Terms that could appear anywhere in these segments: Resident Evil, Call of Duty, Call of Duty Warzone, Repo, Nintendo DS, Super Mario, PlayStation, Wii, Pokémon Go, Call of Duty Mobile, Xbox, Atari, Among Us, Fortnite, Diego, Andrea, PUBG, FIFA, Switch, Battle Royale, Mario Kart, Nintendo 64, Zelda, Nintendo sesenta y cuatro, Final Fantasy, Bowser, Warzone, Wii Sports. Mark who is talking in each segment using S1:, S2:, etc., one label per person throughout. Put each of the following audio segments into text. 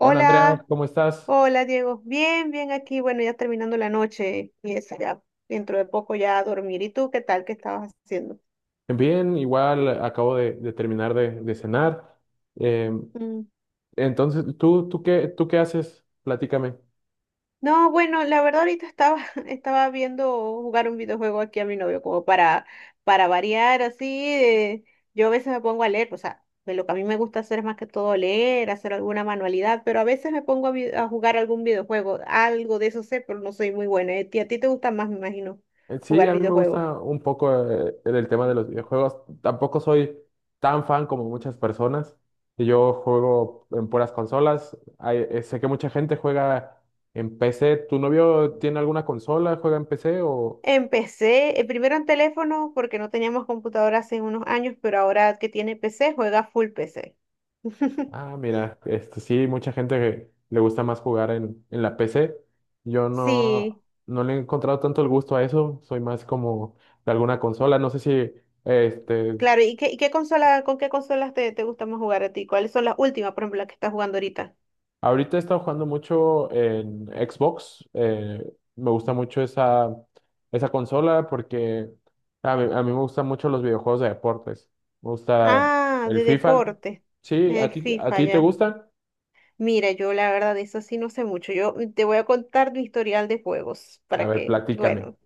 S1: Hola Andrea, ¿cómo estás?
S2: hola Diego. Bien, bien aquí. Bueno, ya terminando la noche y eso, ya dentro de poco ya a dormir. ¿Y tú qué tal? ¿Qué estabas haciendo?
S1: Bien, igual acabo de terminar de cenar. Eh,
S2: Mm.
S1: entonces, ¿tú qué haces? Platícame.
S2: No, bueno, la verdad ahorita estaba, estaba viendo jugar un videojuego aquí a mi novio como para variar así. eh, yo a veces me pongo a leer, o sea, de lo que a mí me gusta hacer es más que todo leer, hacer alguna manualidad, pero a veces me pongo a, a jugar algún videojuego. Algo de eso sé, pero no soy muy buena. ¿Eh? ¿Y a ti te gusta más, me imagino,
S1: Sí,
S2: jugar
S1: a mí me
S2: videojuegos?
S1: gusta un poco el tema de los videojuegos. Tampoco soy tan fan como muchas personas. Yo juego en puras consolas. Sé que mucha gente juega en PC. ¿Tu novio tiene alguna consola? ¿Juega en PC o...?
S2: Empecé primero en teléfono porque no teníamos computadora hace unos años, pero ahora que tiene PC, juega full PC.
S1: Ah, mira, este sí, mucha gente que le gusta más jugar en la PC. Yo
S2: Sí,
S1: no le he encontrado tanto el gusto a eso. Soy más como de alguna consola. No sé si este
S2: claro. Y qué consola, con qué consolas te, te gusta más jugar a ti? ¿Cuáles son las últimas, por ejemplo, las que estás jugando ahorita?
S1: ahorita he estado jugando mucho en Xbox. Me gusta mucho esa consola porque a mí me gustan mucho los videojuegos de deportes. Me gusta
S2: Ah,
S1: el
S2: de
S1: FIFA.
S2: deporte.
S1: Sí,
S2: El
S1: a
S2: FIFA
S1: ti te
S2: ya.
S1: gusta?
S2: Mira, yo la verdad de eso sí no sé mucho. Yo te voy a contar mi historial de juegos
S1: A
S2: para
S1: ver,
S2: que,
S1: platícame.
S2: bueno,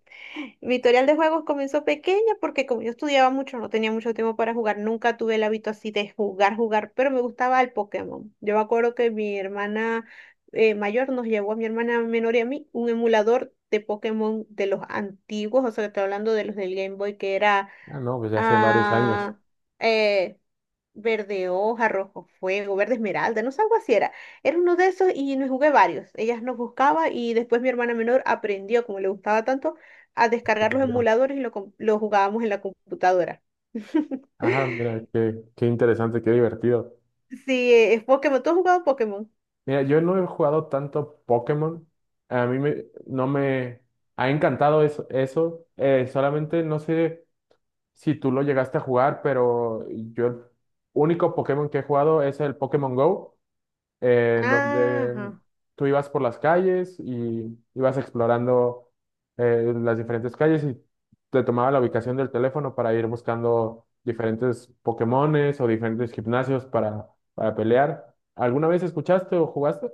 S2: mi historial de juegos comenzó pequeña porque como yo estudiaba mucho, no tenía mucho tiempo para jugar, nunca tuve el hábito así de jugar, jugar, pero me gustaba el Pokémon. Yo me acuerdo que mi hermana mayor nos llevó a mi hermana menor y a mí un emulador de Pokémon de los antiguos, o sea, que estoy hablando de los del Game Boy, que era...
S1: Ah, no, pues ya hace varios años.
S2: Ah, eh, verde hoja, rojo fuego, verde esmeralda, no sé, algo así era. Era uno de esos y me jugué varios. Ellas nos buscaba y después mi hermana menor aprendió, como le gustaba tanto, a descargar los emuladores y lo, lo jugábamos en la computadora.
S1: Ah, mira, qué interesante, qué divertido.
S2: Sí, es Pokémon. ¿Tú has jugado Pokémon?
S1: Mira, yo no he jugado tanto Pokémon. No me ha encantado eso. Solamente no sé si tú lo llegaste a jugar, pero yo el único Pokémon que he jugado es el Pokémon Go. En donde
S2: Ajá.
S1: tú ibas por las calles y ibas explorando las diferentes calles y te tomaba la ubicación del teléfono para ir buscando diferentes Pokémones o diferentes gimnasios para pelear. ¿Alguna vez escuchaste o jugaste?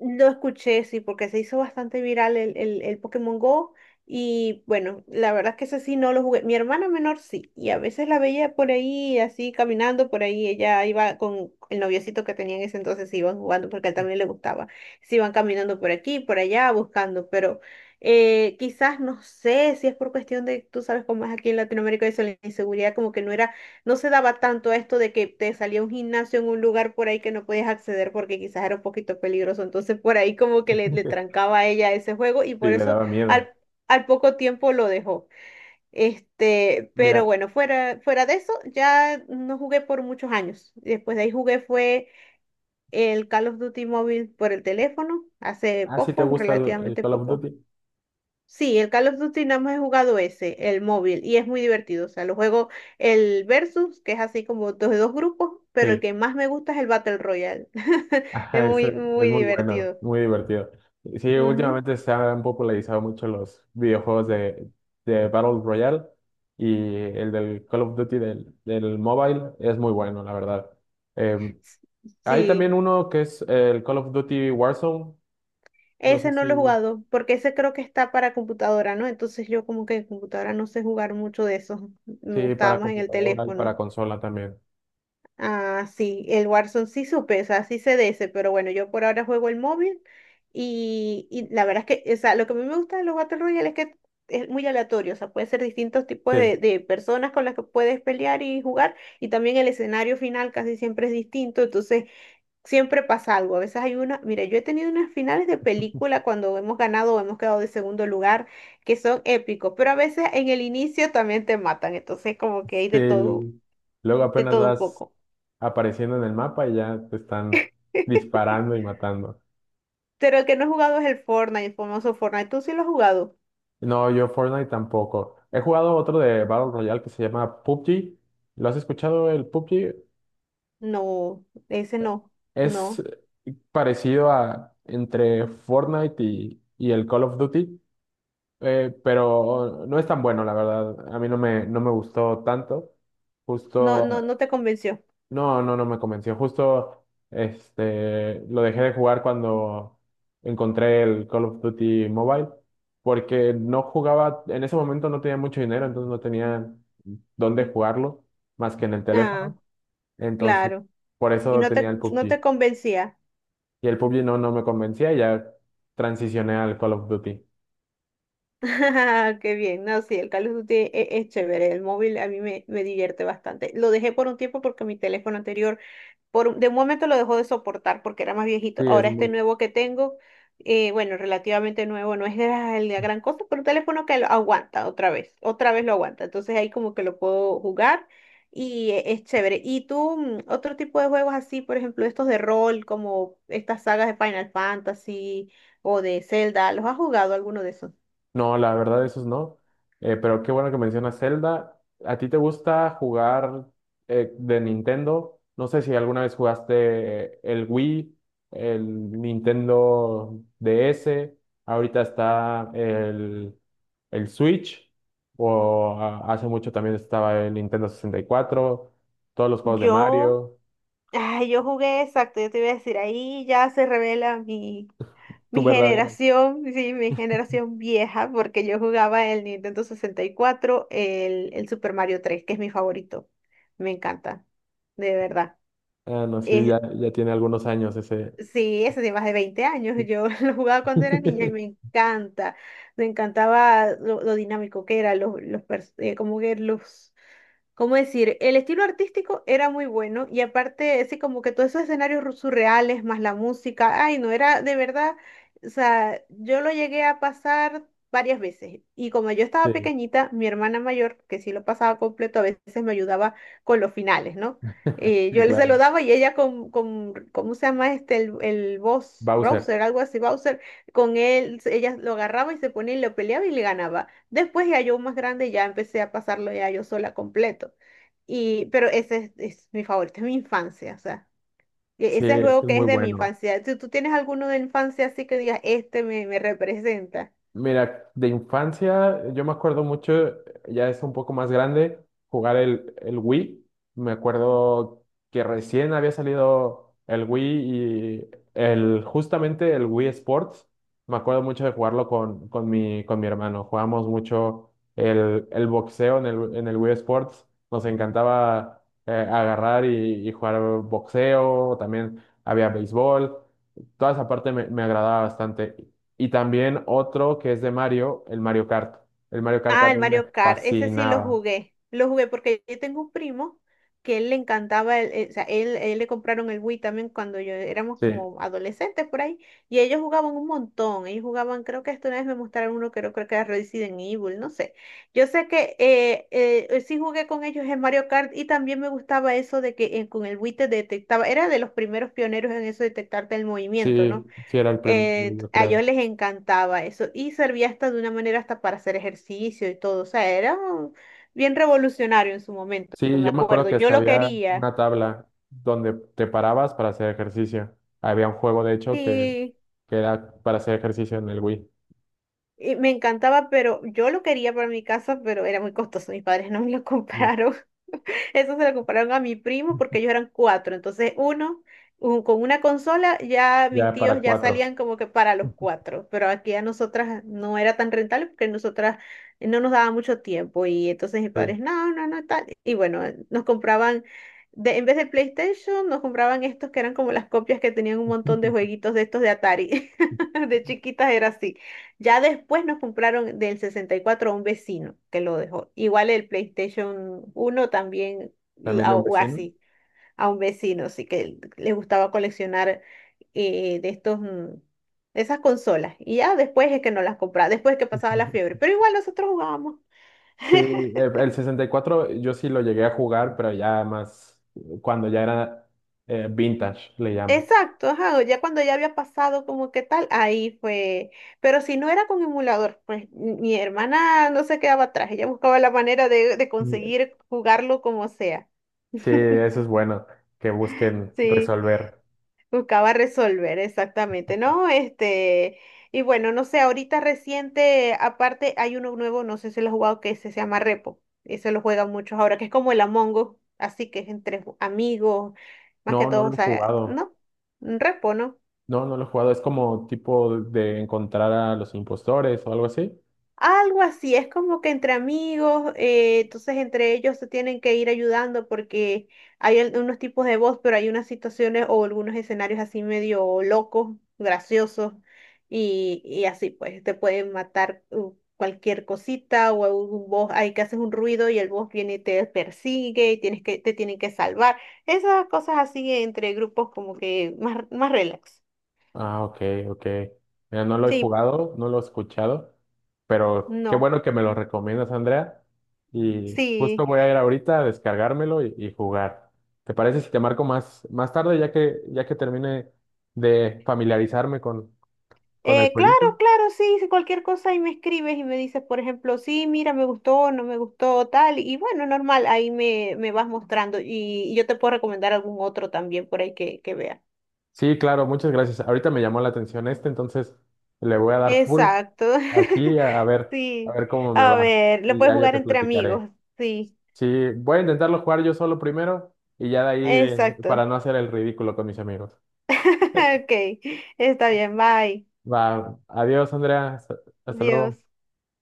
S2: Lo escuché, sí, porque se hizo bastante viral el Pokémon Go. Y bueno, la verdad es que ese sí no lo jugué. Mi hermana menor sí, y a veces la veía por ahí, así caminando por ahí. Ella iba con el noviocito que tenía en ese entonces, se iban jugando porque a él también le gustaba. Se iban caminando por aquí, por allá, buscando. Pero quizás, no sé si es por cuestión de, tú sabes cómo es aquí en Latinoamérica, eso, la inseguridad, como que no era, no se daba tanto esto de que te salía un gimnasio en un lugar por ahí que no podías acceder porque quizás era un poquito peligroso. Entonces por ahí como que le trancaba a ella ese juego y
S1: Sí,
S2: por
S1: le
S2: eso
S1: daba miedo.
S2: al, al poco tiempo lo dejó. Este, pero
S1: Mira,
S2: bueno, fuera, fuera de eso, ya no jugué por muchos años. Después de ahí jugué fue el Call of Duty móvil por el teléfono, hace
S1: ah, sí te
S2: poco,
S1: gusta el
S2: relativamente
S1: Call of
S2: poco.
S1: Duty.
S2: Sí, el Call of Duty nada más he jugado ese, el móvil, y es muy divertido. O sea, lo juego el Versus, que es así como dos de dos grupos, pero el
S1: Sí.
S2: que más me gusta es el Battle Royale. Es
S1: Ajá, eso
S2: muy,
S1: es
S2: muy
S1: muy bueno,
S2: divertido.
S1: muy divertido. Sí,
S2: Ujú.
S1: últimamente se han popularizado mucho los videojuegos de Battle Royale y el del Call of Duty del mobile es muy bueno, la verdad. Eh,
S2: S-
S1: Hay también
S2: Sí,
S1: uno que es el Call of Duty Warzone, no
S2: ese
S1: sé
S2: no lo he jugado, porque ese creo que está para computadora, ¿no? Entonces yo como que en computadora no sé jugar mucho de eso. Me
S1: si
S2: gustaba
S1: para
S2: más en el
S1: computadora y
S2: teléfono.
S1: para consola también.
S2: Ah, sí, el Warzone sí supe, o sea, sí sé de ese, pero bueno, yo por ahora juego el móvil y la verdad es que, o sea, lo que a mí me gusta de los Battle Royale es que es muy aleatorio, o sea, puede ser distintos tipos
S1: Sí,
S2: de personas con las que puedes pelear y jugar, y también el escenario final casi siempre es distinto, entonces siempre pasa algo, a veces hay una, mira, yo he tenido unas finales de película cuando hemos ganado o hemos quedado de segundo lugar, que son épicos, pero a veces en el inicio también te matan, entonces como que
S1: sí,
S2: hay
S1: el- luego
S2: de
S1: apenas
S2: todo un
S1: vas
S2: poco.
S1: apareciendo en el mapa y ya te están disparando y matando.
S2: Pero el que no he jugado es el Fortnite, el famoso Fortnite. ¿Tú sí lo has jugado?
S1: No, yo Fortnite tampoco. He jugado otro de Battle Royale que se llama PUBG. ¿Lo has escuchado el PUBG?
S2: No, ese no,
S1: Es
S2: no,
S1: parecido a entre Fortnite y el Call of Duty, pero no es tan bueno, la verdad. A mí no me, no me gustó tanto.
S2: no.
S1: Justo
S2: No, no te convenció.
S1: no, no me convenció. Justo este, lo dejé de jugar cuando encontré el Call of Duty Mobile, porque no jugaba, en ese momento no tenía mucho dinero, entonces no tenía dónde jugarlo más que en el
S2: Ah,
S1: teléfono. Entonces,
S2: claro.
S1: por
S2: Y
S1: eso
S2: no
S1: tenía
S2: te,
S1: el
S2: no
S1: PUBG.
S2: te convencía.
S1: Y el PUBG no me convencía y ya transicioné al Call of Duty.
S2: Qué bien. No, sí, el Call of Duty es chévere. El móvil a mí me, me divierte bastante. Lo dejé por un tiempo porque mi teléfono anterior, por, de un momento lo dejó de soportar porque era más viejito.
S1: Sí, es
S2: Ahora este
S1: muy
S2: nuevo que tengo, bueno, relativamente nuevo, no es la, la gran cosa, pero un teléfono que lo aguanta otra vez lo aguanta. Entonces ahí como que lo puedo jugar y es chévere. ¿Y tú, otro tipo de juegos así, por ejemplo, estos de rol, como estas sagas de Final Fantasy o de Zelda, los has jugado, alguno de esos?
S1: no, la verdad, esos no. Pero qué bueno que mencionas Zelda. ¿A ti te gusta jugar de Nintendo? No sé si alguna vez jugaste el Wii, el Nintendo DS, ahorita está el Switch, o a- hace mucho también estaba el Nintendo 64 todos los juegos de
S2: Yo,
S1: Mario.
S2: ay, yo jugué, exacto, yo te iba a decir, ahí ya se revela mi...
S1: Tu
S2: mi
S1: verdadero.
S2: generación, sí, mi generación vieja, porque yo jugaba el Nintendo 64, el Super Mario tres, que es mi favorito. Me encanta, de verdad.
S1: Ah, no, sí,
S2: Es,
S1: ya tiene algunos años ese.
S2: sí, eso de más de 20 años. Yo lo jugaba cuando era niña y me encanta. Me encantaba lo dinámico que era, los, como que los... ¿cómo decir? El estilo artístico era muy bueno y aparte, ese, como que todos esos escenarios surreales, más la música, ay, no, era de verdad, o sea, yo lo llegué a pasar varias veces y como yo estaba
S1: Sí,
S2: pequeñita, mi hermana mayor, que sí lo pasaba completo, a veces me ayudaba con los finales, ¿no?
S1: sí,
S2: Yo le
S1: claro.
S2: saludaba y ella con, ¿cómo se llama este? El boss,
S1: Bowser.
S2: browser, algo así, browser, con él, ella lo agarraba y se ponía y lo peleaba y le ganaba. Después ya yo más grande ya empecé a pasarlo ya yo sola completo. Y, pero ese es mi favorito, es mi infancia, o sea, ese
S1: Sí,
S2: es el
S1: es que
S2: juego
S1: es
S2: que
S1: muy
S2: es de mi
S1: bueno.
S2: infancia. Si tú tienes alguno de infancia así que digas, este me, me representa.
S1: Mira, de infancia yo me acuerdo mucho, ya es un poco más grande, jugar el Wii. Me acuerdo que recién había salido el Wii y el, justamente el Wii Sports. Me acuerdo mucho de jugarlo con mi, con mi hermano. Jugamos mucho el boxeo en en el Wii Sports. Nos encantaba agarrar y jugar boxeo. También había béisbol. Toda esa parte me agradaba bastante. Y también otro que es de Mario, el Mario Kart. El Mario Kart a
S2: Ah, el
S1: mí me
S2: Mario Kart, ese sí lo
S1: fascinaba.
S2: jugué. Lo jugué porque yo tengo un primo que él le encantaba, o sea, él le compraron el Wii también cuando yo éramos
S1: Sí,
S2: como adolescentes por ahí, y ellos jugaban un montón. Ellos jugaban, creo que hasta una vez me mostraron uno, creo, creo que era Resident Evil, no sé. Yo sé que sí jugué con ellos en Mario Kart y también me gustaba eso de que con el Wii te detectaba, era de los primeros pioneros en eso de detectarte el movimiento, ¿no?
S1: sí, sí era el primero, yo
S2: A
S1: creo.
S2: ellos les encantaba eso y servía hasta de una manera hasta para hacer ejercicio y todo. O sea, era bien revolucionario en su momento,
S1: Sí,
S2: me
S1: yo me acuerdo
S2: acuerdo.
S1: que
S2: Yo
S1: hasta
S2: lo
S1: había
S2: quería,
S1: una tabla donde te parabas para hacer ejercicio. Había un juego, de hecho,
S2: sí,
S1: que era para hacer ejercicio en el Wii.
S2: y me encantaba, pero yo lo quería para mi casa, pero era muy costoso. Mis padres no me lo
S1: Mm,
S2: compraron. Eso se lo compraron a mi primo porque ellos eran cuatro. Entonces, uno, con una consola, ya mis
S1: ya
S2: tíos
S1: para
S2: ya
S1: cuatro,
S2: salían como que para los cuatro. Pero aquí a nosotras no era tan rentable porque nosotras no nos daba mucho tiempo. Y entonces mis
S1: sí.
S2: padres, no, no, no, tal. Y bueno, nos compraban, de, en vez de PlayStation, nos compraban estos que eran como las copias que tenían un montón de jueguitos de estos de Atari. De chiquitas era así. Ya después nos compraron del 64 a un vecino que lo dejó. Igual el PlayStation uno también,
S1: También de un
S2: o
S1: vecino.
S2: así, a un vecino, sí que le gustaba coleccionar de estos, de esas consolas. Y ya después es que nos las compraba, después es que pasaba la fiebre. Pero igual nosotros jugábamos.
S1: Sí, el 64 yo sí lo llegué a jugar, pero ya más cuando ya era vintage, le llaman.
S2: Exacto, ajá, ya cuando ya había pasado como que tal, ahí fue. Pero si no era con emulador, pues mi hermana no se quedaba atrás, ella buscaba la manera de conseguir jugarlo como sea.
S1: Sí, eso es bueno, que busquen
S2: Sí.
S1: resolver.
S2: Buscaba resolver, exactamente, ¿no? Este, y bueno, no sé, ahorita reciente, aparte hay uno nuevo, no sé si lo has jugado, que ese se llama Repo, y se lo juegan muchos ahora, que es como el Among Us, así que es entre amigos, más que
S1: No, no
S2: todo, o
S1: lo he
S2: sea,
S1: jugado.
S2: ¿no? Un Repo, ¿no?
S1: No, no lo he jugado. Es como tipo de encontrar a los impostores o algo así.
S2: Algo así, es como que entre amigos, entonces entre ellos se tienen que ir ayudando porque hay unos tipos de voz, pero hay unas situaciones o algunos escenarios así medio locos, graciosos, y así pues te pueden matar cualquier cosita o algún boss, hay que haces un ruido y el boss viene y te persigue y tienes que, te tienen que salvar. Esas cosas así entre grupos como que más, más relax.
S1: Ah, ok, ok. Mira, no lo he
S2: Sí,
S1: jugado, no lo he escuchado, pero qué
S2: no,
S1: bueno que me lo recomiendas, Andrea. Y justo
S2: sí.
S1: voy a ir ahorita a descargármelo y jugar. ¿Te parece si te marco más, más tarde, ya que termine de familiarizarme con el jueguito?
S2: Claro, claro, sí, si cualquier cosa y me escribes y me dices, por ejemplo, sí, mira, me gustó, no me gustó, tal, y bueno, normal, ahí me, me vas mostrando y yo te puedo recomendar algún otro también por ahí que vea.
S1: Sí, claro, muchas gracias. Ahorita me llamó la atención este, entonces le voy a dar full
S2: Exacto,
S1: aquí a
S2: sí,
S1: ver cómo me
S2: a
S1: va.
S2: ver, lo
S1: Y
S2: puedes
S1: ya yo
S2: jugar
S1: te
S2: entre
S1: platicaré.
S2: amigos, sí,
S1: Sí, voy a intentarlo jugar yo solo primero y ya de ahí para
S2: exacto,
S1: no hacer el ridículo con mis amigos.
S2: ok, está bien, bye,
S1: Va, adiós, Andrea. Hasta luego.
S2: Dios.